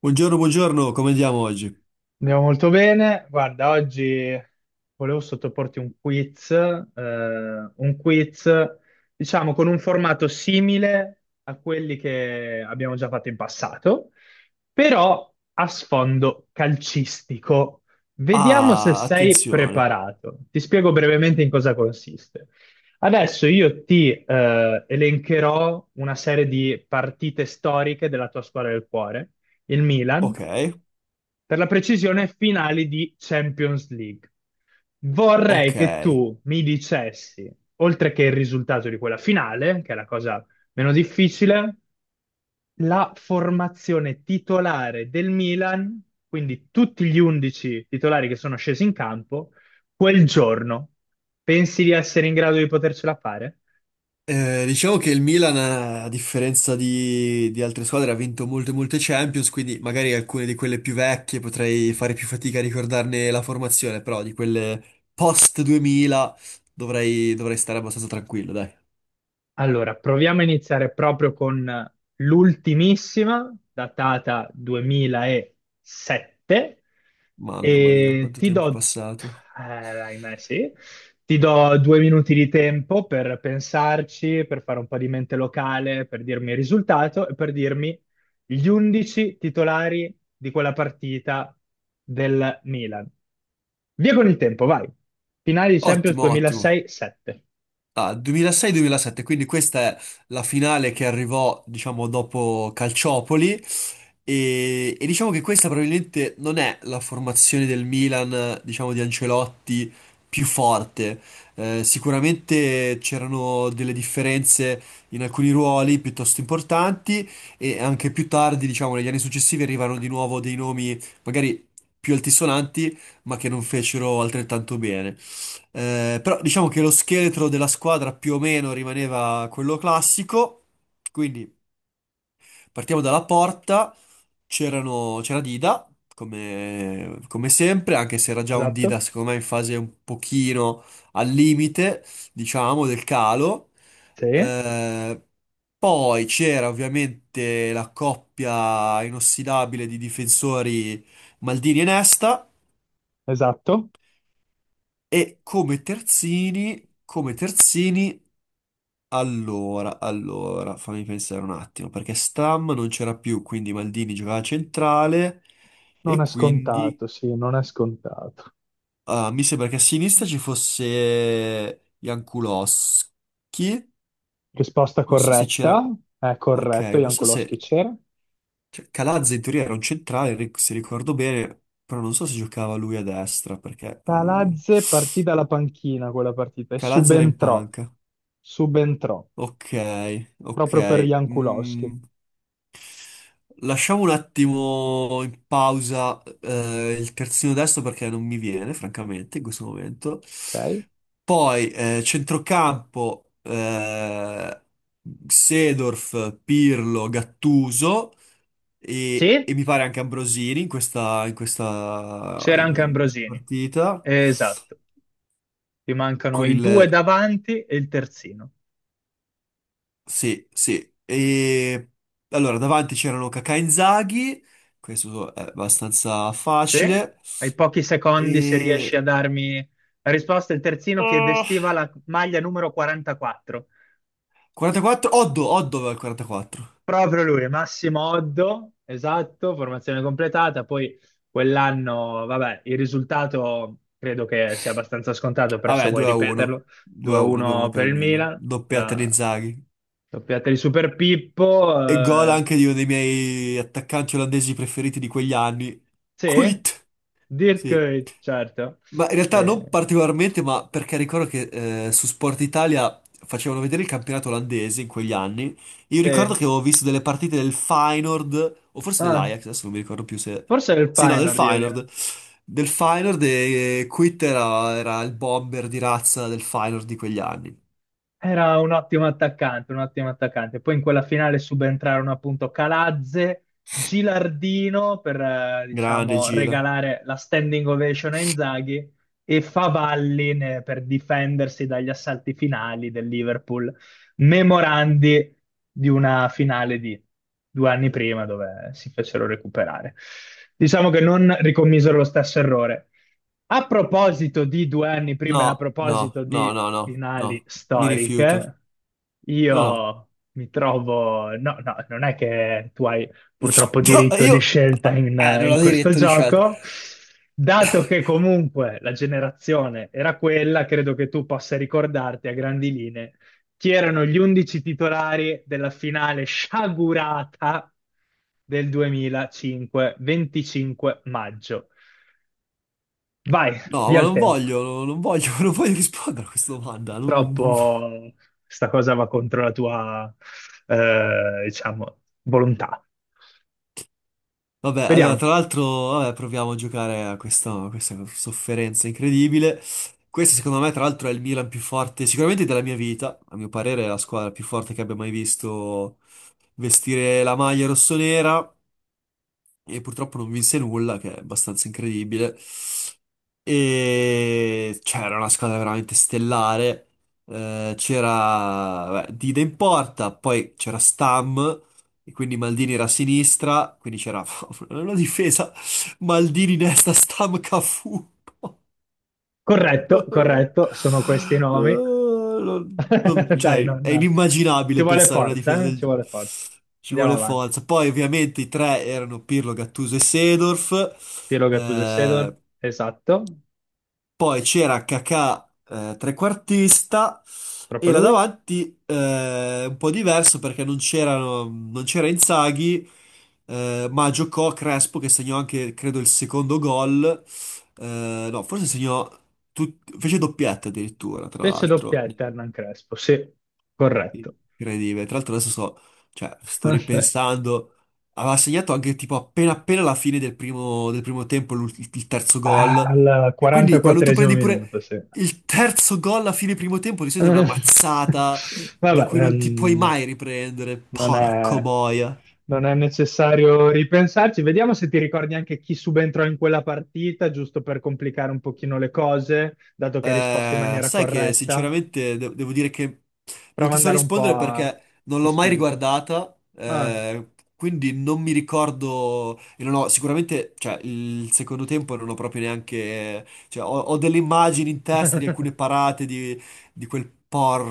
Buongiorno, buongiorno, come andiamo oggi? Andiamo molto bene. Guarda, oggi volevo sottoporti un quiz, un quiz, diciamo, con un formato simile a quelli che abbiamo già fatto in passato, però a sfondo calcistico. Vediamo se Ah, sei attenzione. preparato. Ti spiego brevemente in cosa consiste. Adesso io ti elencherò una serie di partite storiche della tua squadra del cuore, il Milan Ok, per la precisione, finali di Champions League. Vorrei che ok. tu mi dicessi, oltre che il risultato di quella finale, che è la cosa meno difficile, la formazione titolare del Milan, quindi tutti gli 11 titolari che sono scesi in campo quel giorno. Pensi di essere in grado di potercela fare? Diciamo che il Milan, a differenza di altre squadre, ha vinto molte Champions, quindi magari alcune di quelle più vecchie potrei fare più fatica a ricordarne la formazione, però di quelle post 2000 dovrei stare abbastanza tranquillo, dai. Allora, proviamo a iniziare proprio con l'ultimissima, datata 2007, Mamma mia, e quanto ti tempo è do, passato. Ahimè, sì, ti do 2 minuti di tempo per pensarci, per fare un po' di mente locale, per dirmi il risultato e per dirmi gli 11 titolari di quella partita del Milan. Via con il tempo, vai. Finale di Champions Ottimo, ottimo. 2006-7. Ah, 2006-2007, quindi questa è la finale che arrivò, diciamo, dopo Calciopoli e diciamo che questa probabilmente non è la formazione del Milan, diciamo, di Ancelotti più forte. Sicuramente c'erano delle differenze in alcuni ruoli piuttosto importanti e anche più tardi, diciamo, negli anni successivi arrivarono di nuovo dei nomi magari più altisonanti, ma che non fecero altrettanto bene. Però diciamo che lo scheletro della squadra più o meno rimaneva quello classico. Quindi partiamo dalla porta. C'era Dida, come sempre, anche se era già un Dida, Esatto? secondo me, in fase un pochino al limite, diciamo, del calo. Sì, Eh, poi c'era ovviamente la coppia inossidabile di difensori Maldini e Nesta. esatto. E come terzini, come terzini. Allora, fammi pensare un attimo, perché Stam non c'era più, quindi Maldini giocava a centrale Non e è quindi scontato, sì, non è scontato. Mi sembra che a sinistra ci fosse Jankulovski, Risposta non so se c'era, corretta, è ok, corretto, non so Jankowski se c'era. cioè, Calazza in teoria era un centrale, se ricordo bene, però non so se giocava lui a destra, perché Palazze partì dalla panchina quella partita e Calazza era in subentrò, panca. subentrò, Ok, ok. proprio per Jankulowski. Mm, lasciamo un attimo in pausa il terzino destro perché non mi viene, francamente, in questo momento. Ok? Poi centrocampo, Seedorf, Pirlo, Gattuso e Sì, mi pare anche Ambrosini in c'era anche in questa Ambrosini. partita. Esatto, ti mancano Con i il... due davanti e il terzino. Sì, sì. E, allora, davanti c'erano Kaká e Inzaghi, questo è abbastanza Sì, facile. ai pochi secondi se E... riesci a darmi la risposta, il terzino che oh, vestiva la maglia numero 44. 44? Oddo, Oddo aveva il 44. Proprio lui, Massimo Oddo, esatto, formazione completata. Poi quell'anno, vabbè, il risultato credo che sia abbastanza scontato, però se Vabbè, vuoi 2 a 1. ripeterlo, 2 a 1, 2 a 1 2-1 per per il il Milan. Milan, Doppietta di la Inzaghi. doppiata di Super Pippo, E gol anche di uno dei miei attaccanti olandesi preferiti di quegli anni. sì, Quit. Sì. Dirk, certo, Ma in realtà eh, non particolarmente, ma perché ricordo che su Sport Italia facevano vedere il campionato olandese in quegli anni. Io ricordo sì. che avevo visto delle partite del Feyenoord, o forse Ah, dell'Ajax, adesso non mi ricordo più se... forse è il Sì, no, del Feyenoord, io Feyenoord. direi. Del Feyenoord e Quitt era il bomber di razza del Feyenoord di quegli anni. Era un ottimo attaccante, un ottimo attaccante. Poi in quella finale subentrarono appunto Calazze, Gilardino per, Grande diciamo, Gila. regalare la standing ovation a Inzaghi e Favalli per difendersi dagli assalti finali del Liverpool, memorandi di una finale di 2 anni prima dove si fecero recuperare. Diciamo che non ricommisero lo stesso errore. A proposito di 2 anni prima, e a No, no, proposito no, di no, no, finali no. Mi rifiuto. storiche, No, no. io mi trovo. No, no, non è che tu hai purtroppo No, diritto di io... scelta in, non in ho questo diritto di scelta. gioco. Dato che comunque la generazione era quella, credo che tu possa ricordarti a grandi linee chi erano gli 11 titolari della finale sciagurata del 2005, 25 maggio. Vai, via il tempo. Non voglio, non voglio rispondere a questa domanda. Purtroppo sta cosa va contro la tua, diciamo, volontà. Vabbè, allora, Vediamo. tra l'altro, vabbè, proviamo a giocare a questa sofferenza incredibile. Questo, secondo me, tra l'altro, è il Milan più forte, sicuramente della mia vita. A mio parere, è la squadra più forte che abbia mai visto vestire la maglia rossonera. E purtroppo non vinse nulla, che è abbastanza incredibile. E c'era una squadra veramente stellare. C'era beh, Dida in porta, poi c'era Stam, e quindi Maldini era a sinistra, quindi c'era una difesa Maldini, Nesta, Stam, Cafu. Corretto, corretto, sono questi i nomi. Dai, cioè, è non... Ci inimmaginabile vuole pensare a una difesa forza, eh? del... Ci vuole forza. Ci Andiamo vuole avanti. forza. Poi, ovviamente, i tre erano Pirlo, Gattuso e Seedorf. Piero Gattuso e Sedor, esatto, Poi c'era Kakà, trequartista, proprio e là lui. davanti un po' diverso perché non c'era Inzaghi, ma giocò Crespo che segnò anche, credo, il secondo gol. No, forse segnò, tut- fece doppietta addirittura, tra Fece l'altro. doppietta Hernan Crespo, sì, corretto. Incredibile. Tra l'altro adesso sto, cioè, sto ripensando. Aveva segnato anche tipo appena appena alla fine del primo tempo il terzo gol. Al Quindi quando tu 44esimo prendi minuto, pure sì. il terzo gol alla fine primo tempo, di solito è una Eh, mazzata da Vabbè, cui non ti puoi mai riprendere. non Porco è, boia. non è necessario ripensarci. Vediamo se ti ricordi anche chi subentrò in quella partita, giusto per complicare un pochino le cose, dato che hai risposto in maniera Sai che corretta. sinceramente devo dire che non Prova ti ad so andare un po' rispondere a perché non l'ho mai istinto. riguardata, Ah. Quindi non mi ricordo e non ho sicuramente, cioè, il secondo tempo non ho proprio neanche, cioè, ho delle immagini in testa di alcune parate di, di quel por,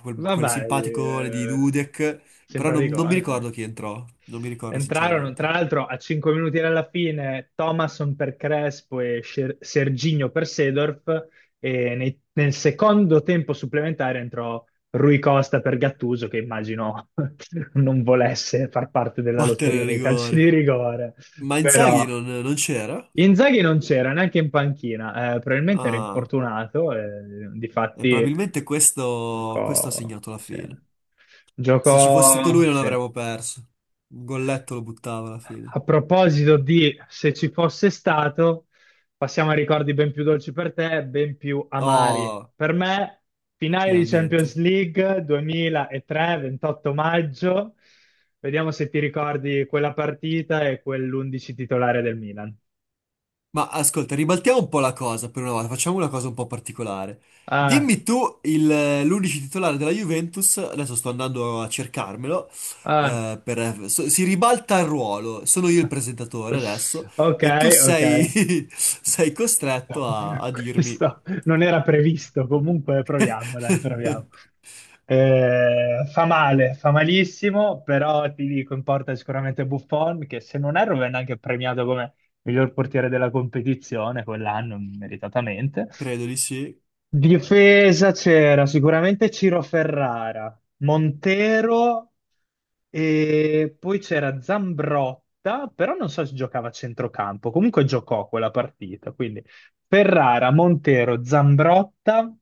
quel Vabbè, simpaticone di Dudek, però simpatico, non mi eh. ricordo chi entrò, non mi ricordo Entrarono, sinceramente. tra l'altro, a 5 minuti dalla fine, Thomasson per Crespo e Serginho per Seedorf, e nel secondo tempo supplementare entrò Rui Costa per Gattuso, che immagino non volesse far parte della Battere lotteria il dei calci di rigore. rigore, Ma Inzaghi però... non c'era? Inzaghi non c'era neanche in panchina, probabilmente era Ah. infortunato, eh, E difatti probabilmente questo ha giocò, segnato la sì. fine. Se ci fosse stato Giocò, lui non sì. avremmo perso. Un golletto lo buttava alla fine. A proposito di se ci fosse stato, passiamo a ricordi ben più dolci per te, ben più amari. Oh, Per me, finale di Champions finalmente. League 2003, 28 maggio. Vediamo se ti ricordi quella partita e quell'11 titolare del Milan. Ma ascolta, ribaltiamo un po' la cosa per una volta, facciamo una cosa un po' particolare. Ah, L'unici titolare della Juventus, adesso sto andando a cercarmelo, ah, si ribalta il ruolo, sono io il presentatore adesso Ok, e tu ok. sei, sei costretto a dirmi... Questo non era previsto, comunque proviamo, dai, proviamo. Fa male, fa malissimo, però ti dico, in porta sicuramente Buffon, che se non erro venne anche premiato come miglior portiere della competizione quell'anno, meritatamente. Credo di sì. Difesa c'era sicuramente Ciro Ferrara, Montero e poi c'era Zambrotta, però non so se giocava a centrocampo, comunque giocò quella partita, quindi Ferrara, Montero, Zambrotta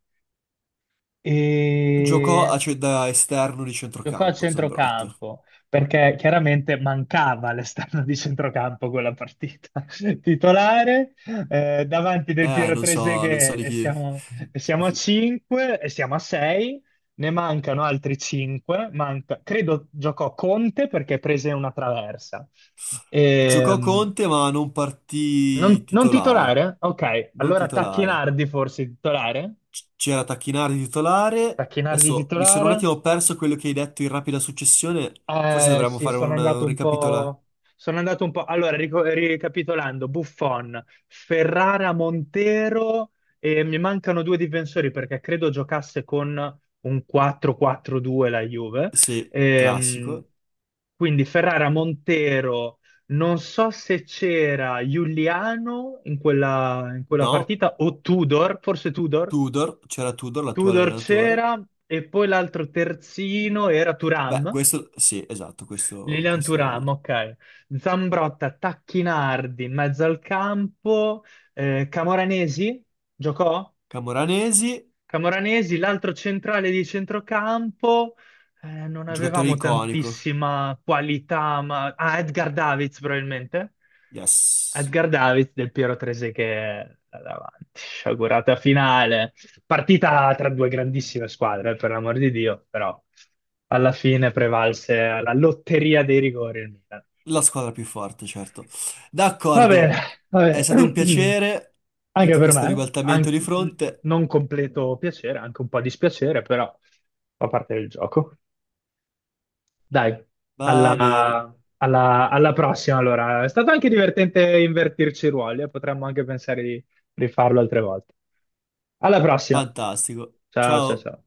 Giocò e a, cioè, da esterno di giocò a centrocampo, Zambrotta. centrocampo perché chiaramente mancava l'esterno di centrocampo quella partita titolare. Davanti del Piero Non so Treseghe di e chi. siamo, a 5 e siamo a 6, ne mancano altri 5. Manca, credo giocò Conte perché prese una traversa. Giocò Ehm, Conte, ma non partì non titolare. titolare? Ok, Non allora titolare. Tacchinardi forse titolare? C'era Tacchinardi titolare. Tacchinardi Adesso mi sono un titolare? attimo perso quello che hai detto in rapida successione. Forse dovremmo Sì, fare sono una- andato un un ricapitola. po'. Sono andato un po'. Allora, ricapitolando, Buffon, Ferrara, Montero e mi mancano due difensori perché credo giocasse con un 4-4-2 la Juve. Sì, Ehm, classico. quindi Ferrara, Montero, non so se c'era Giuliano in quella No, partita o Tudor, forse Tudor. Tudor. C'era Tudor, l'attuale Tudor allenatore. c'era e poi l'altro terzino era Beh, Turam questo... Sì, esatto, questo... Lilian questo... Thuram, ok. Zambrotta, Tacchinardi in mezzo al campo, Camoranesi giocò? Camoranesi. Camoranesi, l'altro centrale di centrocampo, non Giocatore avevamo iconico. tantissima qualità. Ah, Edgar Davids probabilmente. Yes. Edgar Davids del Piero Trese che è là davanti, sciagurata finale. Partita tra due grandissime squadre, per l'amor di Dio, però alla fine prevalse la lotteria dei rigori il Milan. La squadra più forte, certo. Va bene, D'accordo. va È bene. stato un piacere. Anche Anche per me, questo ribaltamento di fronte. non completo piacere, anche un po' dispiacere, però fa parte del gioco. Dai, Va bene. Alla prossima allora. È stato anche divertente invertirci i ruoli, e potremmo anche pensare di rifarlo altre volte. Alla prossima. Fantastico. Ciao, ciao, Ciao. ciao.